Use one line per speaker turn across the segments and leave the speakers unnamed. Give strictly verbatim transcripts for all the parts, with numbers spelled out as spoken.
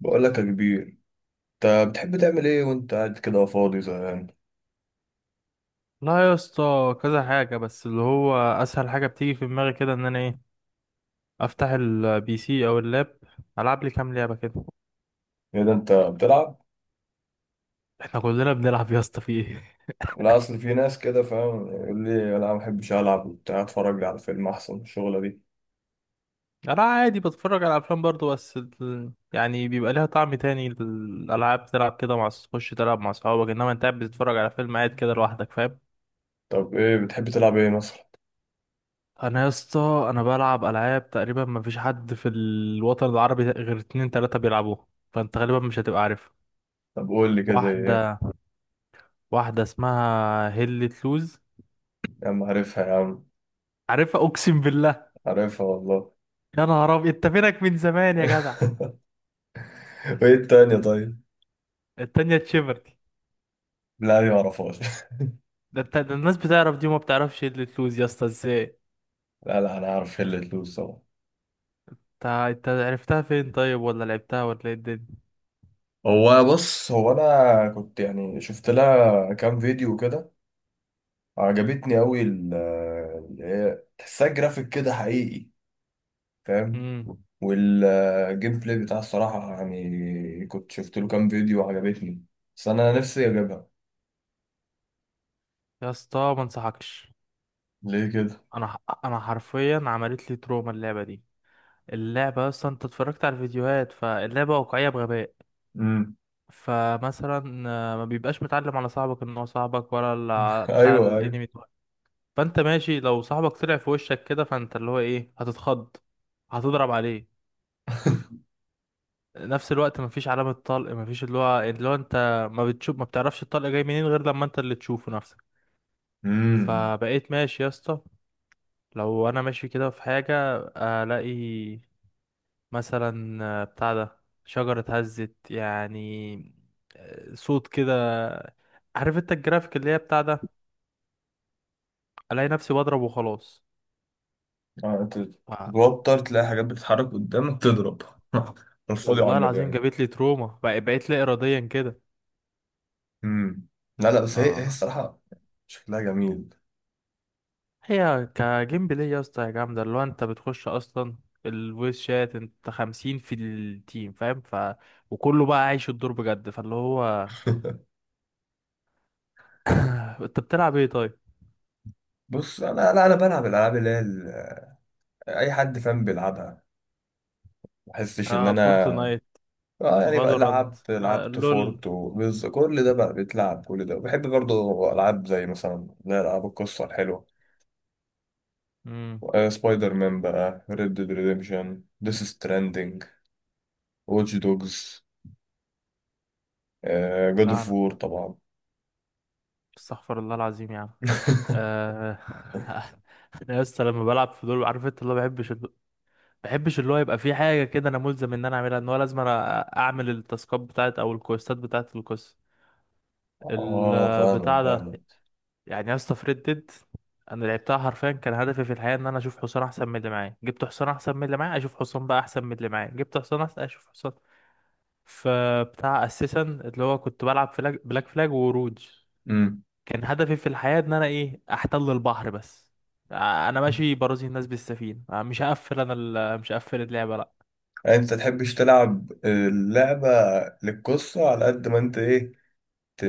بقول لك يا كبير، انت بتحب تعمل ايه وانت قاعد كده فاضي زهقان؟
لا يا اسطى، كذا حاجة، بس اللي هو أسهل حاجة بتيجي في دماغي كده إن أنا إيه، أفتح البي سي أو اللاب، ألعب لي كام لعبة كده.
ايه ده انت بتلعب؟
إحنا كلنا بنلعب يا اسطى، في إيه؟
لا، اصل في ناس كده فاهم يقول لي انا ما بحبش العب وبتاع اتفرج لي على فيلم احسن من الشغله دي.
أنا عادي بتفرج على أفلام برضه، بس ال... يعني بيبقى ليها طعم تاني الألعاب، تلعب كده مع أص- تخش تلعب مع صحابك، إنما أنت قاعد بتتفرج على فيلم قاعد كده لوحدك، فاهم؟
طب ايه بتحب تلعب ايه مثلا؟
أنا يا اسطى أنا بلعب ألعاب تقريبا مفيش حد في الوطن العربي غير اتنين تلاتة بيلعبوها، فأنت غالبا مش هتبقى عارف.
طب قول لي كده زي ايه؟
واحدة واحدة اسمها هيل لوز.
يا عم عارفها يا عم.
عارفها، اقسم بالله.
عارفها والله.
يا نهار ابيض، انت فينك من زمان يا جدع؟
وايه التانية طيب؟
التانية تشيفرتي.
لا، دي ما اعرفهاش.
ده انت، ده الناس بتعرف دي وما بتعرفش ايه اللي تلوز يا اسطى ازاي؟
لا، لا، انا عارف هي اللي تلوز طبعا.
انت انت عرفتها فين طيب، ولا لعبتها، ولا ايه الدنيا؟
هو بص، هو انا كنت يعني شفت لها كام فيديو كده. عجبتني قوي، ال- اللي هي تحسها جرافيك كده حقيقي. فاهم.
امم
والجيم بلاي بتاعها الصراحة، يعني كنت شفت له كام فيديو وعجبتني. بس أنا نفسي أجيبها.
يا اسطى ما انصحكش.
ليه كده؟
انا ح- انا حرفيا عملت لي تروما اللعبه دي. اللعبه اصلا انت اتفرجت على الفيديوهات، فاللعبه واقعيه بغباء.
امم.
فمثلا آه، ما بيبقاش متعلم على صاحبك ان هو صاحبك ولا ال- بتاع
أيوه، أيوه.
الانمي. فانت ماشي، لو صاحبك طلع في وشك كده فانت اللي هو ايه، هتتخض، هتضرب عليه. نفس الوقت مفيش علامة طلق، مفيش اللي هو اللي هو انت ما بتشوف، ما بتعرفش الطلق جاي منين غير لما انت اللي تشوفه نفسك.
امم.
فبقيت ماشي يا اسطى، لو انا ماشي كده في حاجة، الاقي مثلا آه، بتاع ده، شجرة اتهزت يعني، آه، صوت كده، عارف انت الجرافيك اللي هي بتاع ده، الاقي نفسي بضرب وخلاص.
آه، أنت
ف-
تتوتر تلاقي حاجات بتتحرك قدامك تضرب. الفاضي على
والله العظيم
المجال.
جابت لي تروما، بق- بقيت لا اراديا كده.
امم. لا، لا، بس هي هي
اه.
الصراحة. شكلها جميل.
هي كجيم بلاي يا اسطى يا جامدة، اللي هو انت بتخش اصلا الفويس شات انت خمسين في التيم، فاهم؟ ف وكله بقى عايش الدور بجد، فاللي هو. انت بتلعب ايه طيب؟
بص انا، لا انا بلعب الالعاب اللي هي ال- اي حد فاهم بيلعبها. ما احسش ان
اه
انا.
فورتنايت،
اه، يعني بقى
فالورانت.
لعبت
آه
لعبت
لول.
فورت وبز كل ده بقى بيتلعب، كل ده بحب برضه العاب زي مثلا لا العاب القصه الحلوه.
امم
آه، سبايدر مان بقى، ريد ديد ريديمشن، ديس ستراندنج، واتش دوجز، جاد
لا
اوف
انا،
وور طبعا.
استغفر الله العظيم يا عم. آه... انا يا اسطى لما بلعب في دول، عارف انت اللي هو بحبش الد- بحبش اللي هو يبقى في حاجه كده انا ملزم ان انا اعملها، ان هو لازم انا اعمل التاسكات بتاعت او الكويستات بتاعت القصه،
اه، فاهمك
البتاع ده.
فاهمك.
يعني يا اسطى في ريد ديد، انا لعبتها حرفيا كان هدفي في الحياه ان انا اشوف حصان احسن من اللي معايا، جبت حصان احسن من اللي معايا، اشوف حصان بقى احسن من اللي معايا، جبت حصان احسن، اشوف حصان. فبتاع اساسا اللي هو كنت بلعب فلاج، بلاك فلاج وروج،
امم.
كان هدفي في الحياه ان انا ايه، احتل البحر بس. ع- انا ماشي برازي الناس بالسفينه، آه، مش هقفل انا ال- مش هقفل اللعبه، لا.
انت تحبش تلعب اللعبه للقصه على قد ما انت ايه، ت...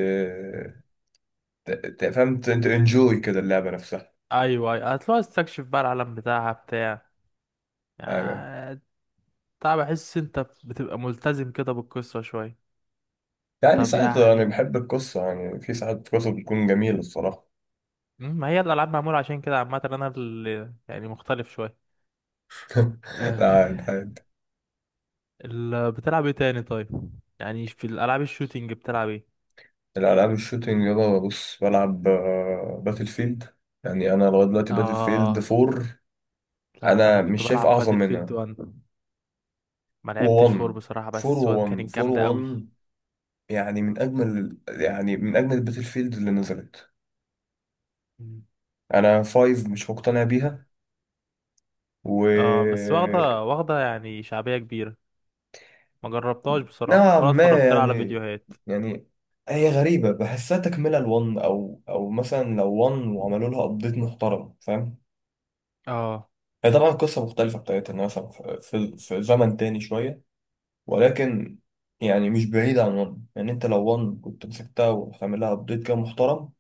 ت... ت- فهمت انت انجوي كده اللعبه نفسها.
ايوه ايوه، هتلاقي استكشف بقى العالم بتاعها، بتاع
ايوه.
يعني، بتاع بحس انت بتبقى ملتزم كده بالقصه شويه.
يعني
طب
ساعات، يعني
يعني،
بحب القصة، يعني في ساعات قصة بتكون جميلة الصراحة.
مم، ما هي الألعاب معمولة عشان كده عامة، أنا اللي يعني مختلف شوية. آه،
لا لا-
ال- بتلعب ايه تاني طيب؟ يعني في الألعاب الشوتينج بتلعب ايه؟
الألعاب الشوتينج يابا، بص بلعب آه، باتل فيلد. يعني أنا لغاية دلوقتي باتل فيلد
آه.
فور.
لا أنا
أنا
كنت
مش شايف
بلعب
أعظم
باتل فيلد
منها.
واحد. ما لعبتش
و1،
فور بصراحة،
فور،
بس واحد
و1،
كانت
فور،
جامدة قوي.
و1. يعني من أجمل يعني من أجمل الباتل فيلد اللي نزلت.
مم.
أنا فايف مش مقتنع بيها.
اه بس
و.
واخدة واخدة يعني شعبية كبيرة، ما جربتهاش بصراحة
نوعا
ولا
ما
اتفرجت لها على
يعني
فيديوهات.
يعني هي غريبة بحسها تكملة لون أو أو مثلا لو ون وعملوا لها أبديت محترم، فاهم.
اه.
هي طبعا قصة مختلفة بتاعتها، إنها مثلا في في في زمن تاني شوية. ولكن، يعني مش بعيدة عن ون، يعني أنت لو ون كنت مسكتها وعامل لها أبديت كده محترم.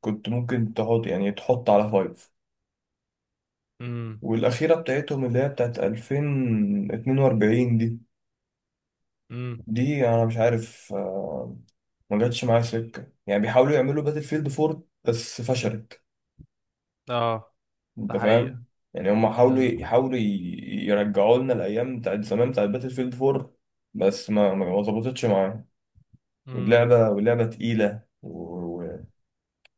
كنت ممكن تحط يعني تحط على فايف.
امم.
والأخيرة بتاعتهم اللي هي بتاعت الفين واتنين واربعين دي
امم.
دي أنا مش عارف. ما جاتش معايا سكة، يعني بيحاولوا يعملوا باتل فيلد فور بس فشلت.
اه. ده
انت
حقيقة.
فاهم. يعني هم حاولوا،
امم.
يحاولوا ي- يرجعوا لنا الايام بتاعت زمان بتاعت باتل فيلد فور. بس ما ما ما ظبطتش معايا.
امم.
واللعبة واللعبة تقيلة، ومش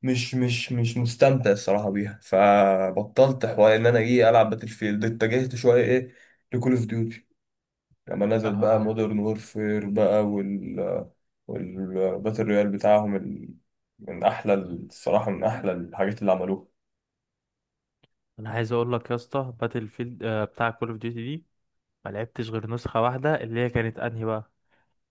مش مش مش مستمتع الصراحة بيها، فبطلت حوار ان انا ايه العب باتل فيلد، اتجهت شوية ايه. لكول اوف ديوتي. لما نزلت بقى
اه.
مودرن وورفير بقى، وال والباتل رويال بتاعهم ال... من أحلى ال- الصراحة، من أحلى الحاجات اللي عملوها.
انا عايز اقول لك يا اسطى باتل فيلد، آه، بتاع كول اوف ديوتي دي ما لعبتش غير نسخه واحده، اللي هي كانت انهي بقى؟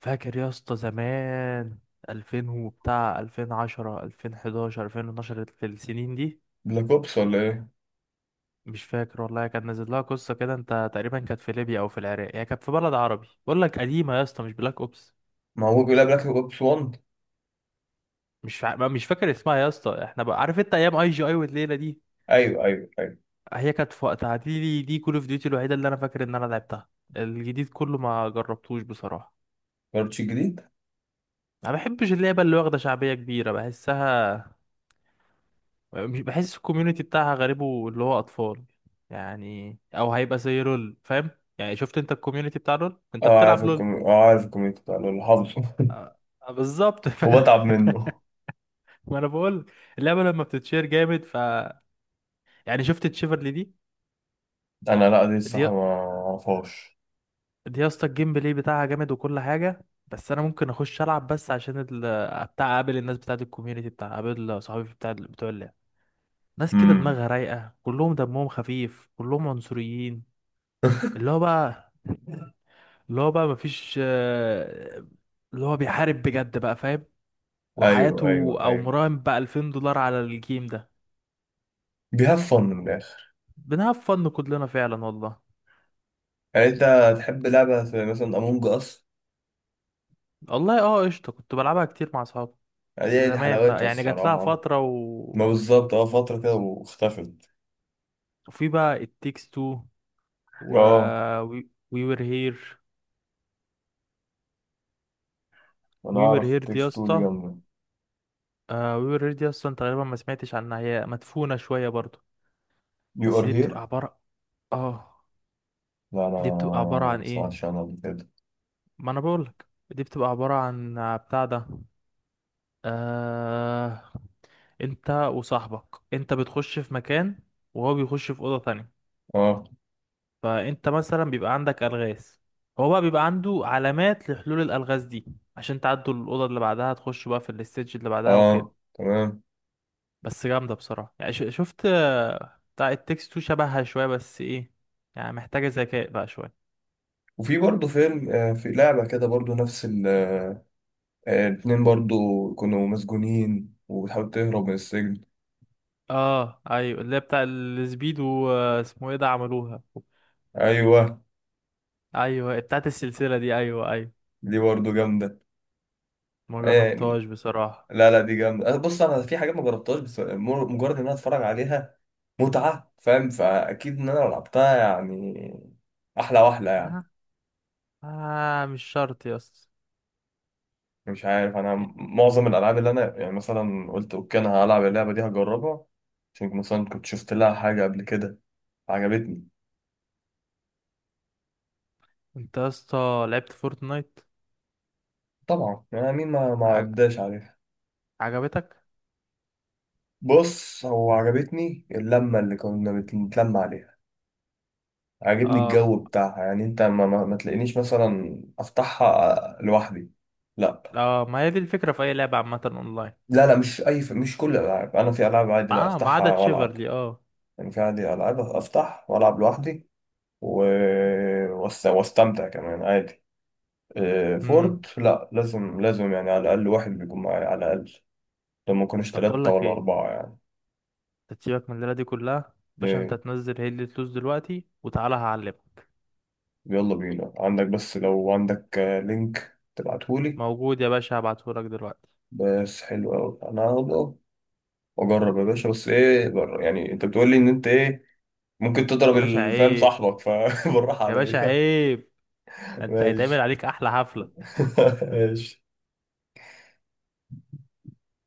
فاكر يا اسطى زمان الفين وبتاع، ألفين وعشرة ألفين وحداشر ألفين واتناشر، السنين دي؟
بلاك أوبس ولا إيه؟
مش فاكر والله، كان نازل لها قصه كده انت، تقريبا كانت في ليبيا او في العراق، هي كانت في بلد عربي، بقول لك قديمه يا اسطى، مش بلاك اوبس.
ما هو بيقول بلاك أوبس ون.
مش فا... ما- مش فاكر اسمها يا اسطى، احنا بقى عارف انت ايام اي جي اي والليله دي.
أيوه، أيوه، أيوه.
هي كانت في وقتها، دي دي كول اوف ديوتي الوحيده اللي انا فاكر ان انا لعبتها. الجديد كله ما جربتوش بصراحه.
بارتش الجديد؟
ما بحبش اللعبة اللي واخدة شعبية كبيرة، بحسها، مش بحس الكوميونتي بتاعها غريبه، اللي هو أطفال يعني، أو هيبقى زي لول، فاهم؟ يعني شفت أنت الكوميونتي بتاع لول، أنت
أه عارف
بتلعب لول.
الكوميك، أه عارف الكوميك بتاع اللي حافظه.
آه، آه، بالظبط. ف...
وبتعب منه.
ما أنا بقول، اللعبة لما بتتشير جامد ف، يعني شفت تشيفرلي دي؟
أنا لأ، دي
دي،
الصراحة ما أعرفهاش.
دي يا اسطى الجيم بلاي بتاعها جامد وكل حاجة، بس أنا ممكن أخش ألعب بس عشان ال... بتاع أقابل الناس بتاعت الكوميونتي، بتاع أقابل صحابي بتاع بتوع اللعبة. ناس كده
أمم.
دماغها رايقة، كلهم دمهم خفيف، كلهم عنصريين، اللي هو بقى اللي هو بقى مفيش آه، اللي هو بيحارب بجد بقى، فاهم؟
أيوه،
وحياته،
أيوه،
او
أيوه.
مراهن بقى ألفين دولار على الجيم ده.
بيهاف فن من الآخر.
بنهاف فن كلنا فعلا والله.
يعني أنت تحب لعبة زي مثلا أمونج أس؟
والله اه قشطة، كنت بلعبها كتير مع اصحابي،
يعني
بس
دي دي
زمان بقى
حلاوتها
يعني جات لها
الصراحة.
فترة و...
ما بالظبط اه، فترة كده واختفت.
وفي بقى التيكس تو، و
اه،
وي وير هير.
انا
وي وير
اعرف
هير دي يا
التكست تو دي
اسطى،
جامدة.
وي وير هير دي اصلا تقريبا ما سمعتش عنها، هي مدفونة شوية برضو.
يو ار
بس دي
هير.
بتبقى عبارة، اه.
لا، انا
دي بتبقى عبارة
ما
عن ايه؟
سمعتش عنها قبل كده.
ما انا بقولك دي بتبقى عبارة عن بتاع ده، آه... انت وصاحبك، انت بتخش في مكان وهو بيخش في أوضة تانية،
اه.
فانت مثلا بيبقى عندك ألغاز، هو بقى بيبقى عنده علامات لحلول الألغاز دي، عشان تعدوا الأوضة اللي بعدها تخشوا بقى في الاستيج اللي بعدها وكده.
اه، تمام.
بس جامدة بصراحة، يعني ش- شفت آه، بتاع التكست تو شبهها شوية، بس ايه، يعني محتاجة ذكاء بقى شوية.
وفي برضه فيلم، آه في لعبة كده برضه نفس ال، آه، الاتنين برضه كانوا مسجونين وبتحاول تهرب من السجن.
اه ايوه، اللي هي بتاع السبيد واسمه ايه ده، عملوها.
ايوه.
ايوه بتاعت السلسله دي، ايوه ايوه.
دي برضه جامدة.
ما
يعني،
جربتهاش بصراحه.
لا، لا، دي جامدة، آه، بص انا في حاجات ما جربتهاش بس مر- مجرد ان انا اتفرج عليها. متعة، فاهم، فاكيد ان انا لو لعبتها يعني. احلى واحلى
آه.
يعني.
آه مش شرط يا اسطى.
مش عارف، انا معظم الالعاب اللي انا يعني مثلا قلت اوكي انا هلعب اللعبه دي هجربها. عشان مثلا كنت شفت لها حاجه قبل كده عجبتني.
انت يا اسطى لعبت فورتنايت؟
طبعا يعني مين ما ما
عج...
عداش عليها.
عجبتك؟
بص، هو عجبتني اللمه اللي كنا بنتلم عليها. عجبني
اه.
الجو بتاعها، يعني انت ما, ما, ما تلاقينيش مثلا افتحها لوحدي. لا.
اه ما هي دي الفكره في اي لعبه عامه اونلاين.
لا، لا، مش اي ف... مش كل الالعاب، انا في العاب عادي لا
اه ما عدا
افتحها والعب.
تشيفرلي، اه.
يعني في عادي العاب افتح والعب لوحدي. و... وأست- واستمتع كمان عادي. آه،
امم.
فورد لا، لازم لازم يعني على الأقل واحد بيكون معايا على الأقل. لما يكونوش
طب بقول
تلاتة
لك
ولا
ايه،
أربعة يعني.
أنت تسيبك من الليله دي كلها باشا، انت
إيه،
تنزل هي اللي فلوس دلوقتي وتعالى هعلمك.
يلا بينا عندك، بس لو عندك آه، لينك تبعتهولي.
موجود يا باشا، هبعتهولك دلوقتي.
بس حلو أوي أنا هبقى أجرب يا باشا، بس إيه بر- يعني أنت بتقولي إن أنت إيه. ممكن تضرب
يا باشا
الفام
عيب،
صاحبك فبالراحة
يا باشا
عليا.
عيب، انت هيتعمل
ماشي.
عليك احلى حفلة.
ماشي.